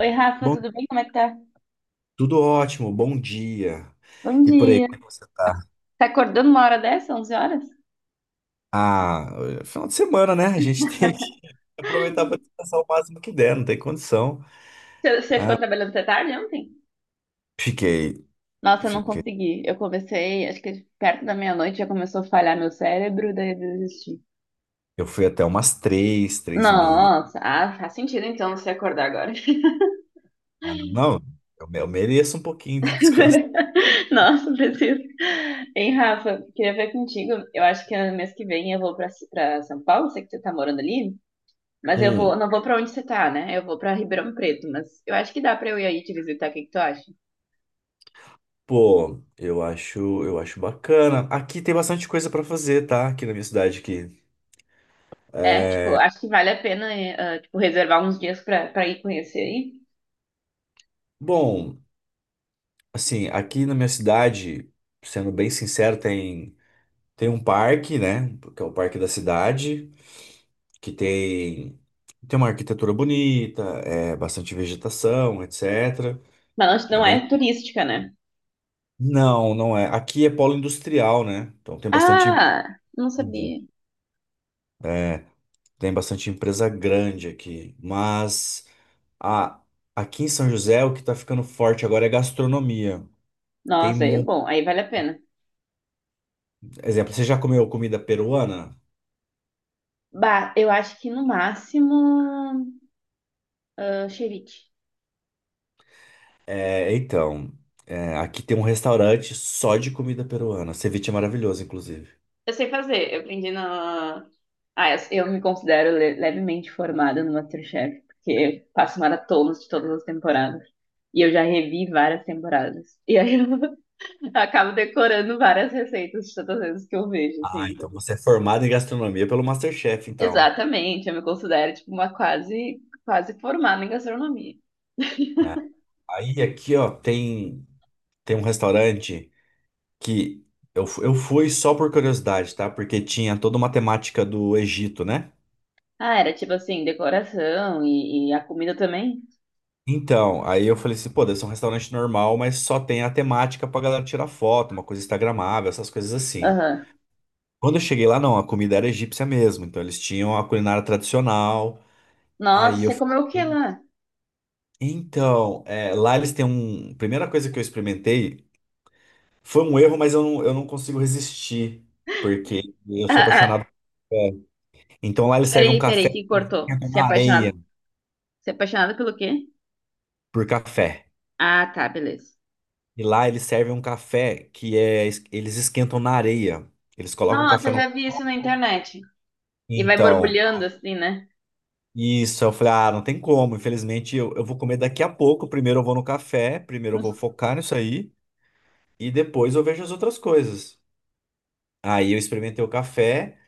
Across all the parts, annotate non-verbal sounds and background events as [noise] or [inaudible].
Oi, Rafa, Bom, tudo bem? Como é que tá? tudo ótimo, bom dia. Bom E por aí, dia. como é que você tá? Tá acordando uma hora dessa, 11 horas? Ah, final de semana, né? A gente tem que [laughs] aproveitar para descansar o máximo que der, não tem condição. Você ficou trabalhando até tarde ontem? Fiquei, Nossa, eu não fiquei. consegui. Eu comecei, acho que perto da meia-noite já começou a falhar meu cérebro, daí eu desisti. Eu fui até umas três, três e meia. Nossa, faz sentido então você acordar agora. [laughs] Ah, não, eu mereço um pouquinho de descanso. Nossa, preciso. Hein, Rafa, queria ver contigo. Eu acho que mês que vem eu vou pra São Paulo, sei que você tá morando ali, mas eu vou, Hum, não vou pra onde você tá, né? Eu vou pra Ribeirão Preto, mas eu acho que dá pra eu ir aí te visitar, o que que tu acha? pô, eu acho bacana. Aqui tem bastante coisa para fazer, tá? Aqui na minha cidade aqui. É, tipo, acho que vale a pena, tipo, reservar uns dias pra ir conhecer aí. Bom, assim, aqui na minha cidade, sendo bem sincero, tem um parque, né? Que é o parque da cidade, que tem, tem uma arquitetura bonita, é bastante vegetação, etc. Mas não É não bem. é turística, né? Não, não é. Aqui é polo industrial, né? Então tem bastante. Ah, não sabia. É, tem bastante empresa grande aqui. Mas a, aqui em São José, o que tá ficando forte agora é gastronomia. Tem Nossa, aí é muito. bom, aí vale a pena. Exemplo, você já comeu comida peruana? Bah, eu acho que no máximo, ah, ceviche. É, então, é, aqui tem um restaurante só de comida peruana. Ceviche é maravilhoso, inclusive. Eu sei fazer, eu aprendi na... Ah, eu me considero levemente formada no MasterChef, porque eu faço maratonas de todas as temporadas. E eu já revi várias temporadas. E aí eu [laughs] acabo decorando várias receitas de todas as vezes que eu vejo, Ah, assim. então você é formado em gastronomia pelo MasterChef, então. Exatamente, eu me considero tipo uma quase formada em gastronomia. É. Aí aqui, ó, tem, tem um restaurante que eu fui só por curiosidade, tá? Porque tinha toda uma temática do Egito, né? Ah, era tipo assim, decoração e a comida também? Então, aí eu falei assim, pô, deve ser um restaurante normal, mas só tem a temática pra galera tirar foto, uma coisa instagramável, essas coisas assim. Aham. Quando eu cheguei lá, não, a comida era egípcia mesmo, então eles tinham a culinária tradicional. Nossa, Aí eu você comeu o que fiquei. lá? [laughs] Então, é, lá eles têm um. Primeira coisa que eu experimentei. Foi um erro, mas eu não consigo resistir, porque eu Ah, sou ah, apaixonado por café. Então lá eles servem um peraí, café peraí, que que cortou. esquenta Você é na apaixonado? areia, Você é apaixonado pelo quê? por café. Ah, tá, beleza. E lá eles servem um café que é, es- eles esquentam na areia. Eles colocam Nossa, café eu no. já vi isso na internet. E vai Então, borbulhando assim, né? isso, eu falei, ah, não tem como, infelizmente eu vou comer daqui a pouco. Primeiro eu vou no café, primeiro eu vou Não- focar nisso aí, e depois eu vejo as outras coisas. Aí eu experimentei o café.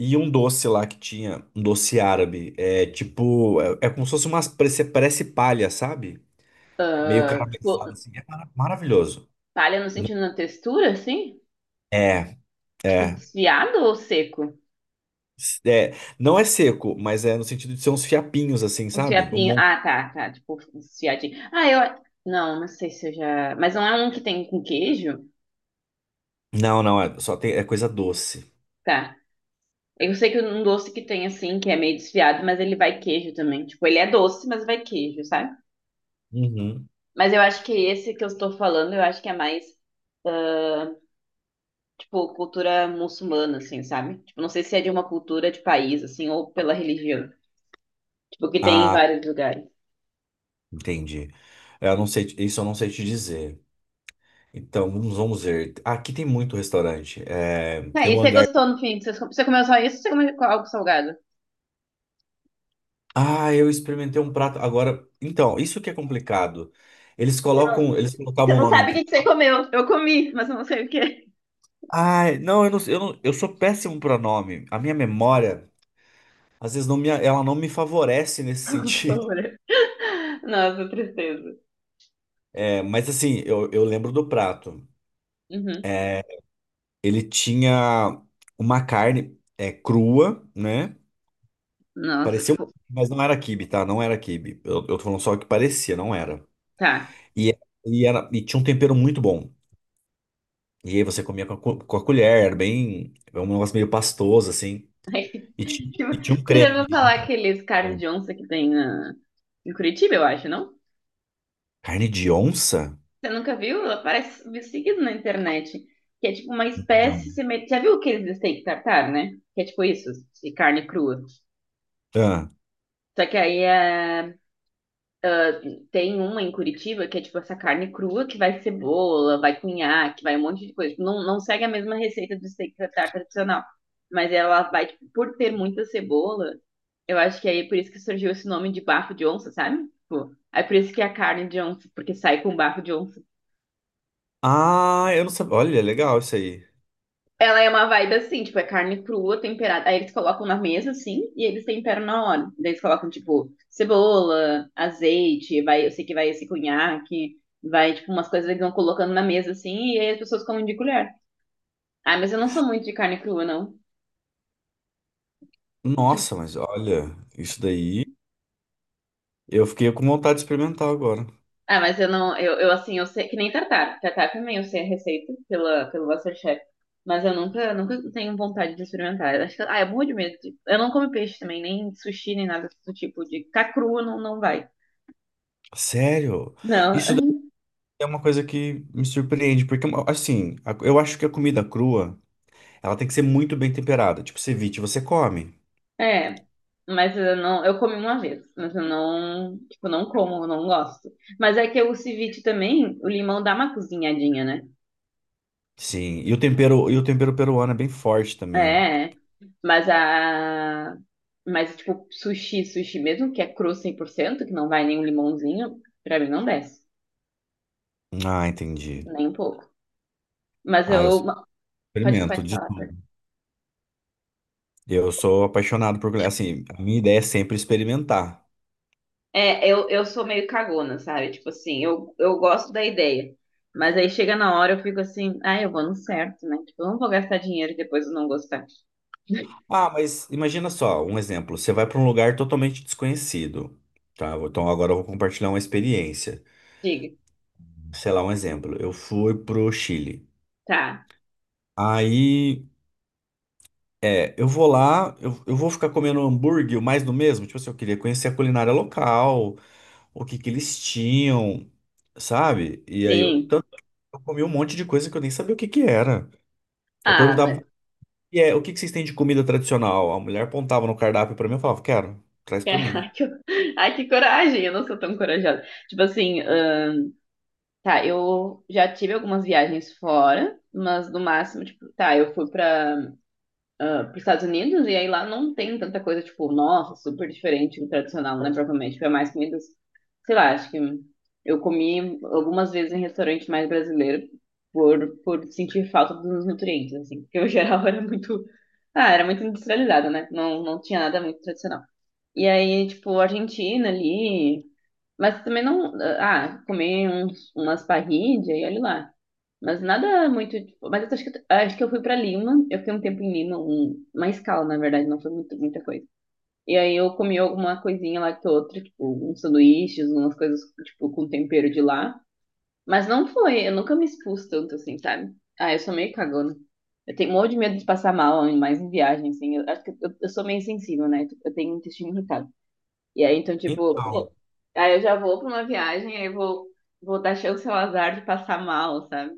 E um doce lá que tinha, um doce árabe. É tipo, é, é como se fosse umas, parece, parece palha, sabe? Meio Tipo, caramelizado assim. É maravilhoso. palha no sentido da textura, assim? É, Tipo, é. desfiado ou seco? É, não é seco, mas é no sentido de ser uns fiapinhos assim, Um sabe? Um fiapinho. mon- Ah, tá, tá. Tipo, um fiadinho. Ah, eu. Não, não sei se eu já. Mas não é um que tem com queijo? Não, não, é, só tem, é coisa doce. Tá. Eu sei que um doce que tem assim, que é meio desfiado, mas ele vai queijo também. Tipo, ele é doce, mas vai queijo, sabe? Uhum. Mas eu acho que esse que eu estou falando, eu acho que é mais, tipo, cultura muçulmana, assim, sabe? Tipo, não sei se é de uma cultura de país, assim, ou pela religião. Tipo, que tem em Ah, vários lugares. entendi. É, eu não sei, isso eu não sei te dizer. Então, vamos ver. Aqui tem muito restaurante. É, Tá, tem e o você hangar. gostou no fim? Você comeu só isso ou você comeu algo salgado? Ah, eu experimentei um prato agora. Então, isso que é complicado. Eles Você não, colocam, eles você colocavam o não nome sabe o entre. que que você comeu. Eu comi, mas eu não sei o que. Ah, não, eu sou péssimo para nome. A minha memória, às vezes ela não me favorece nesse sentido. [laughs] Bora. Nossa, tristeza. É, mas assim, eu lembro do prato. Uhum. Ele tinha uma carne é, crua, né? Nossa, Parecia, um- tipo, mas não era quibe, tá? Não era quibe. Eu tô falando só que parecia, não era. tá. E, e era, e tinha um tempero muito bom. E aí você comia com com a colher, era bem. Era um negócio meio pastoso, assim. Aí, [laughs] tipo, E tinha um você já creme, ouviu um falar creme. aqueles carnes de onça que tem na... em Curitiba, eu acho, não? Carne de onça? Você nunca viu? Ela aparece seguido na internet. Que é tipo uma espécie Não. semelhante. Já viu aqueles steak tartar, né? Que é tipo isso, de carne crua. Ah, Só que aí é tem uma em Curitiba que é tipo essa carne crua que vai cebola, vai cunhaque, vai um monte de coisa. Tipo, não segue a mesma receita do steak tartar tradicional. Mas ela vai, tipo, por ter muita cebola, eu acho que aí é por isso que surgiu esse nome de bafo de onça, sabe? Tipo, é por isso que é a carne de onça, porque sai com bafo de onça. ah, eu não sabia. Olha, legal isso aí. Ela é uma vibe assim, tipo, é carne crua, temperada. Aí eles colocam na mesa, assim, e eles temperam na hora. Daí eles colocam, tipo, cebola, azeite, vai, eu sei que vai esse cunhaque, vai, tipo, umas coisas que eles vão colocando na mesa, assim, e aí as pessoas comem de colher. Ah, mas eu não sou muito de carne crua, não. Tipo, Nossa, mas olha, isso daí. Eu fiquei com vontade de experimentar agora. ah, mas eu não, eu assim, eu sei, que nem tartar. Tartar também eu sei a receita pelo Masterchef. Mas eu nunca tenho vontade de experimentar. Eu acho que, ah, é morro de medo. Eu não como peixe também, nem sushi, nem nada do tipo de. Ficar crua não, não vai. Sério? Não, Isso daí [laughs] é uma coisa que me surpreende, porque, assim, a- eu acho que a comida crua, ela tem que ser muito bem temperada. Tipo, ceviche você come. é. Mas eu não, eu comi uma vez, mas eu não, tipo, não como, eu não gosto. Mas é que o ceviche também, o limão dá uma cozinhadinha, né? Sim, e o tempero peruano é bem forte também. É, mas mas tipo, sushi mesmo, que é cru 100% que não vai nem um limãozinho, pra mim não desce, Ah, entendi. nem um pouco. Mas Ah, eu eu, experimento pode de falar, tudo. Eu sou apaixonado por, assim, a minha ideia é sempre experimentar. É, eu sou meio cagona, sabe? Tipo assim, eu gosto da ideia. Mas aí chega na hora, eu fico assim, ah, eu vou no certo, né? Tipo, eu não vou gastar dinheiro e depois eu não gostar. [laughs] Ah, mas imagina só, um exemplo, você vai para um lugar totalmente desconhecido, tá? Então agora eu vou compartilhar uma experiência. Diga, Sei lá, um exemplo, eu fui pro Chile. tá, Aí, é, eu vou lá, eu vou ficar comendo hambúrguer, mais do mesmo, tipo assim, eu queria conhecer a culinária local, o que que eles tinham, sabe? E aí, eu, sim. tanto que eu comi um monte de coisa que eu nem sabia o que que era. Eu Ah, mas. perguntava. [laughs] E é, o que que vocês têm de comida tradicional? A mulher apontava no cardápio pra mim e falava, quero, traz pra mim. Ai, que, ai, que coragem, eu não sou tão corajosa. Tipo assim, tá, eu já tive algumas viagens fora, mas no máximo, tipo, tá, eu fui pra ah, para os Estados Unidos, e aí lá não tem tanta coisa, tipo, nossa, super diferente do tradicional, né? Provavelmente é mais comidas, sei lá, acho que eu comi algumas vezes em restaurante mais brasileiro por sentir falta dos nutrientes, assim, porque o geral [laughs] era muito, era muito industrializado, né? Não, não tinha nada muito tradicional. E aí, tipo, Argentina ali, mas também não, ah, comer umas parrillas e olha lá. Mas nada muito. Tipo, mas eu acho que eu fui pra Lima. Eu fiquei um tempo em Lima, uma escala, na verdade, não foi muito, muita coisa. E aí eu comi alguma coisinha lá que outra, tipo, uns sanduíches, umas coisas, tipo, com tempero de lá. Mas não foi, eu nunca me expus tanto assim, sabe? Ah, eu sou meio cagona. Eu tenho um monte de medo de passar mal, ainda mais em viagem, assim. Eu acho que eu sou meio sensível, né? Tipo, eu tenho intestino irritado. E aí, então, tipo, Então. pô, aí eu já vou pra uma viagem, aí eu vou, vou dar chance ao azar de passar mal, sabe?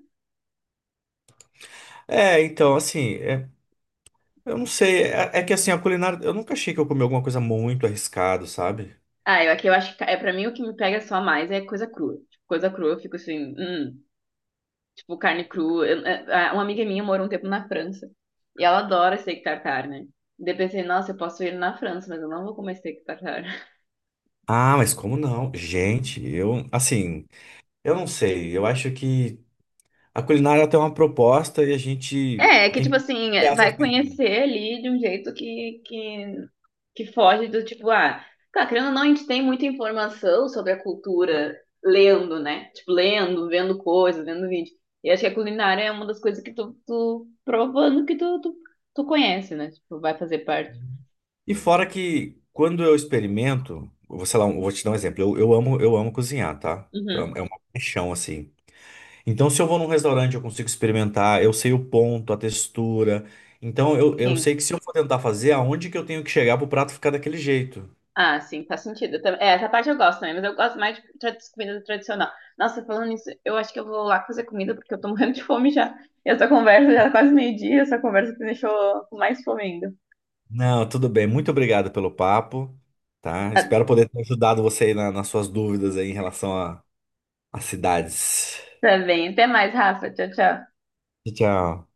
É, então, assim, é, eu não sei. É, é que assim, a culinária. Eu nunca achei que eu comi alguma coisa muito arriscado, sabe? Ah, eu aqui eu acho que é para mim o que me pega só mais é coisa crua. Tipo, coisa crua, eu fico assim, tipo carne crua. É, é, uma amiga minha morou um tempo na França e ela adora steak tartar, né? Daí eu pensei, nossa, eu posso ir na França, mas eu não vou comer steak tartar. [laughs] Ah, mas como não? Gente, eu, assim, eu não sei. Eu acho que a culinária tem uma proposta e a gente É, é que tem que tipo assim, é, criar essa vai experiência. conhecer ali de um jeito que foge do tipo, ah, tá, querendo ou não, a gente tem muita informação sobre a cultura lendo, né? Tipo, lendo, vendo coisas, vendo vídeo. E acho que a culinária é uma das coisas que tu provando que tu conhece, né? Tipo, vai fazer parte. E fora que quando eu experimento, eu vou, sei lá, eu vou te dar um exemplo. Eu amo cozinhar, tá? Então Uhum. é uma paixão assim. Então, se eu vou num restaurante, eu consigo experimentar, eu sei o ponto, a textura. Então, eu Sim. sei que se eu for tentar fazer, aonde que eu tenho que chegar para o prato ficar daquele jeito? Ah, sim, faz sentido. Eu tam- É, essa parte eu gosto também, mas eu gosto mais de comida tradicional. Nossa, falando nisso, eu acho que eu vou lá fazer comida porque eu tô morrendo de fome já. E essa conversa já é quase meio-dia, essa conversa que me deixou com mais fome ainda. Não, tudo bem. Muito obrigado pelo papo, tá? Ah, Espero poder ter ajudado você aí nas suas dúvidas aí em relação a cidades. tá bem, até mais, Rafa. Tchau, tchau. Tchau.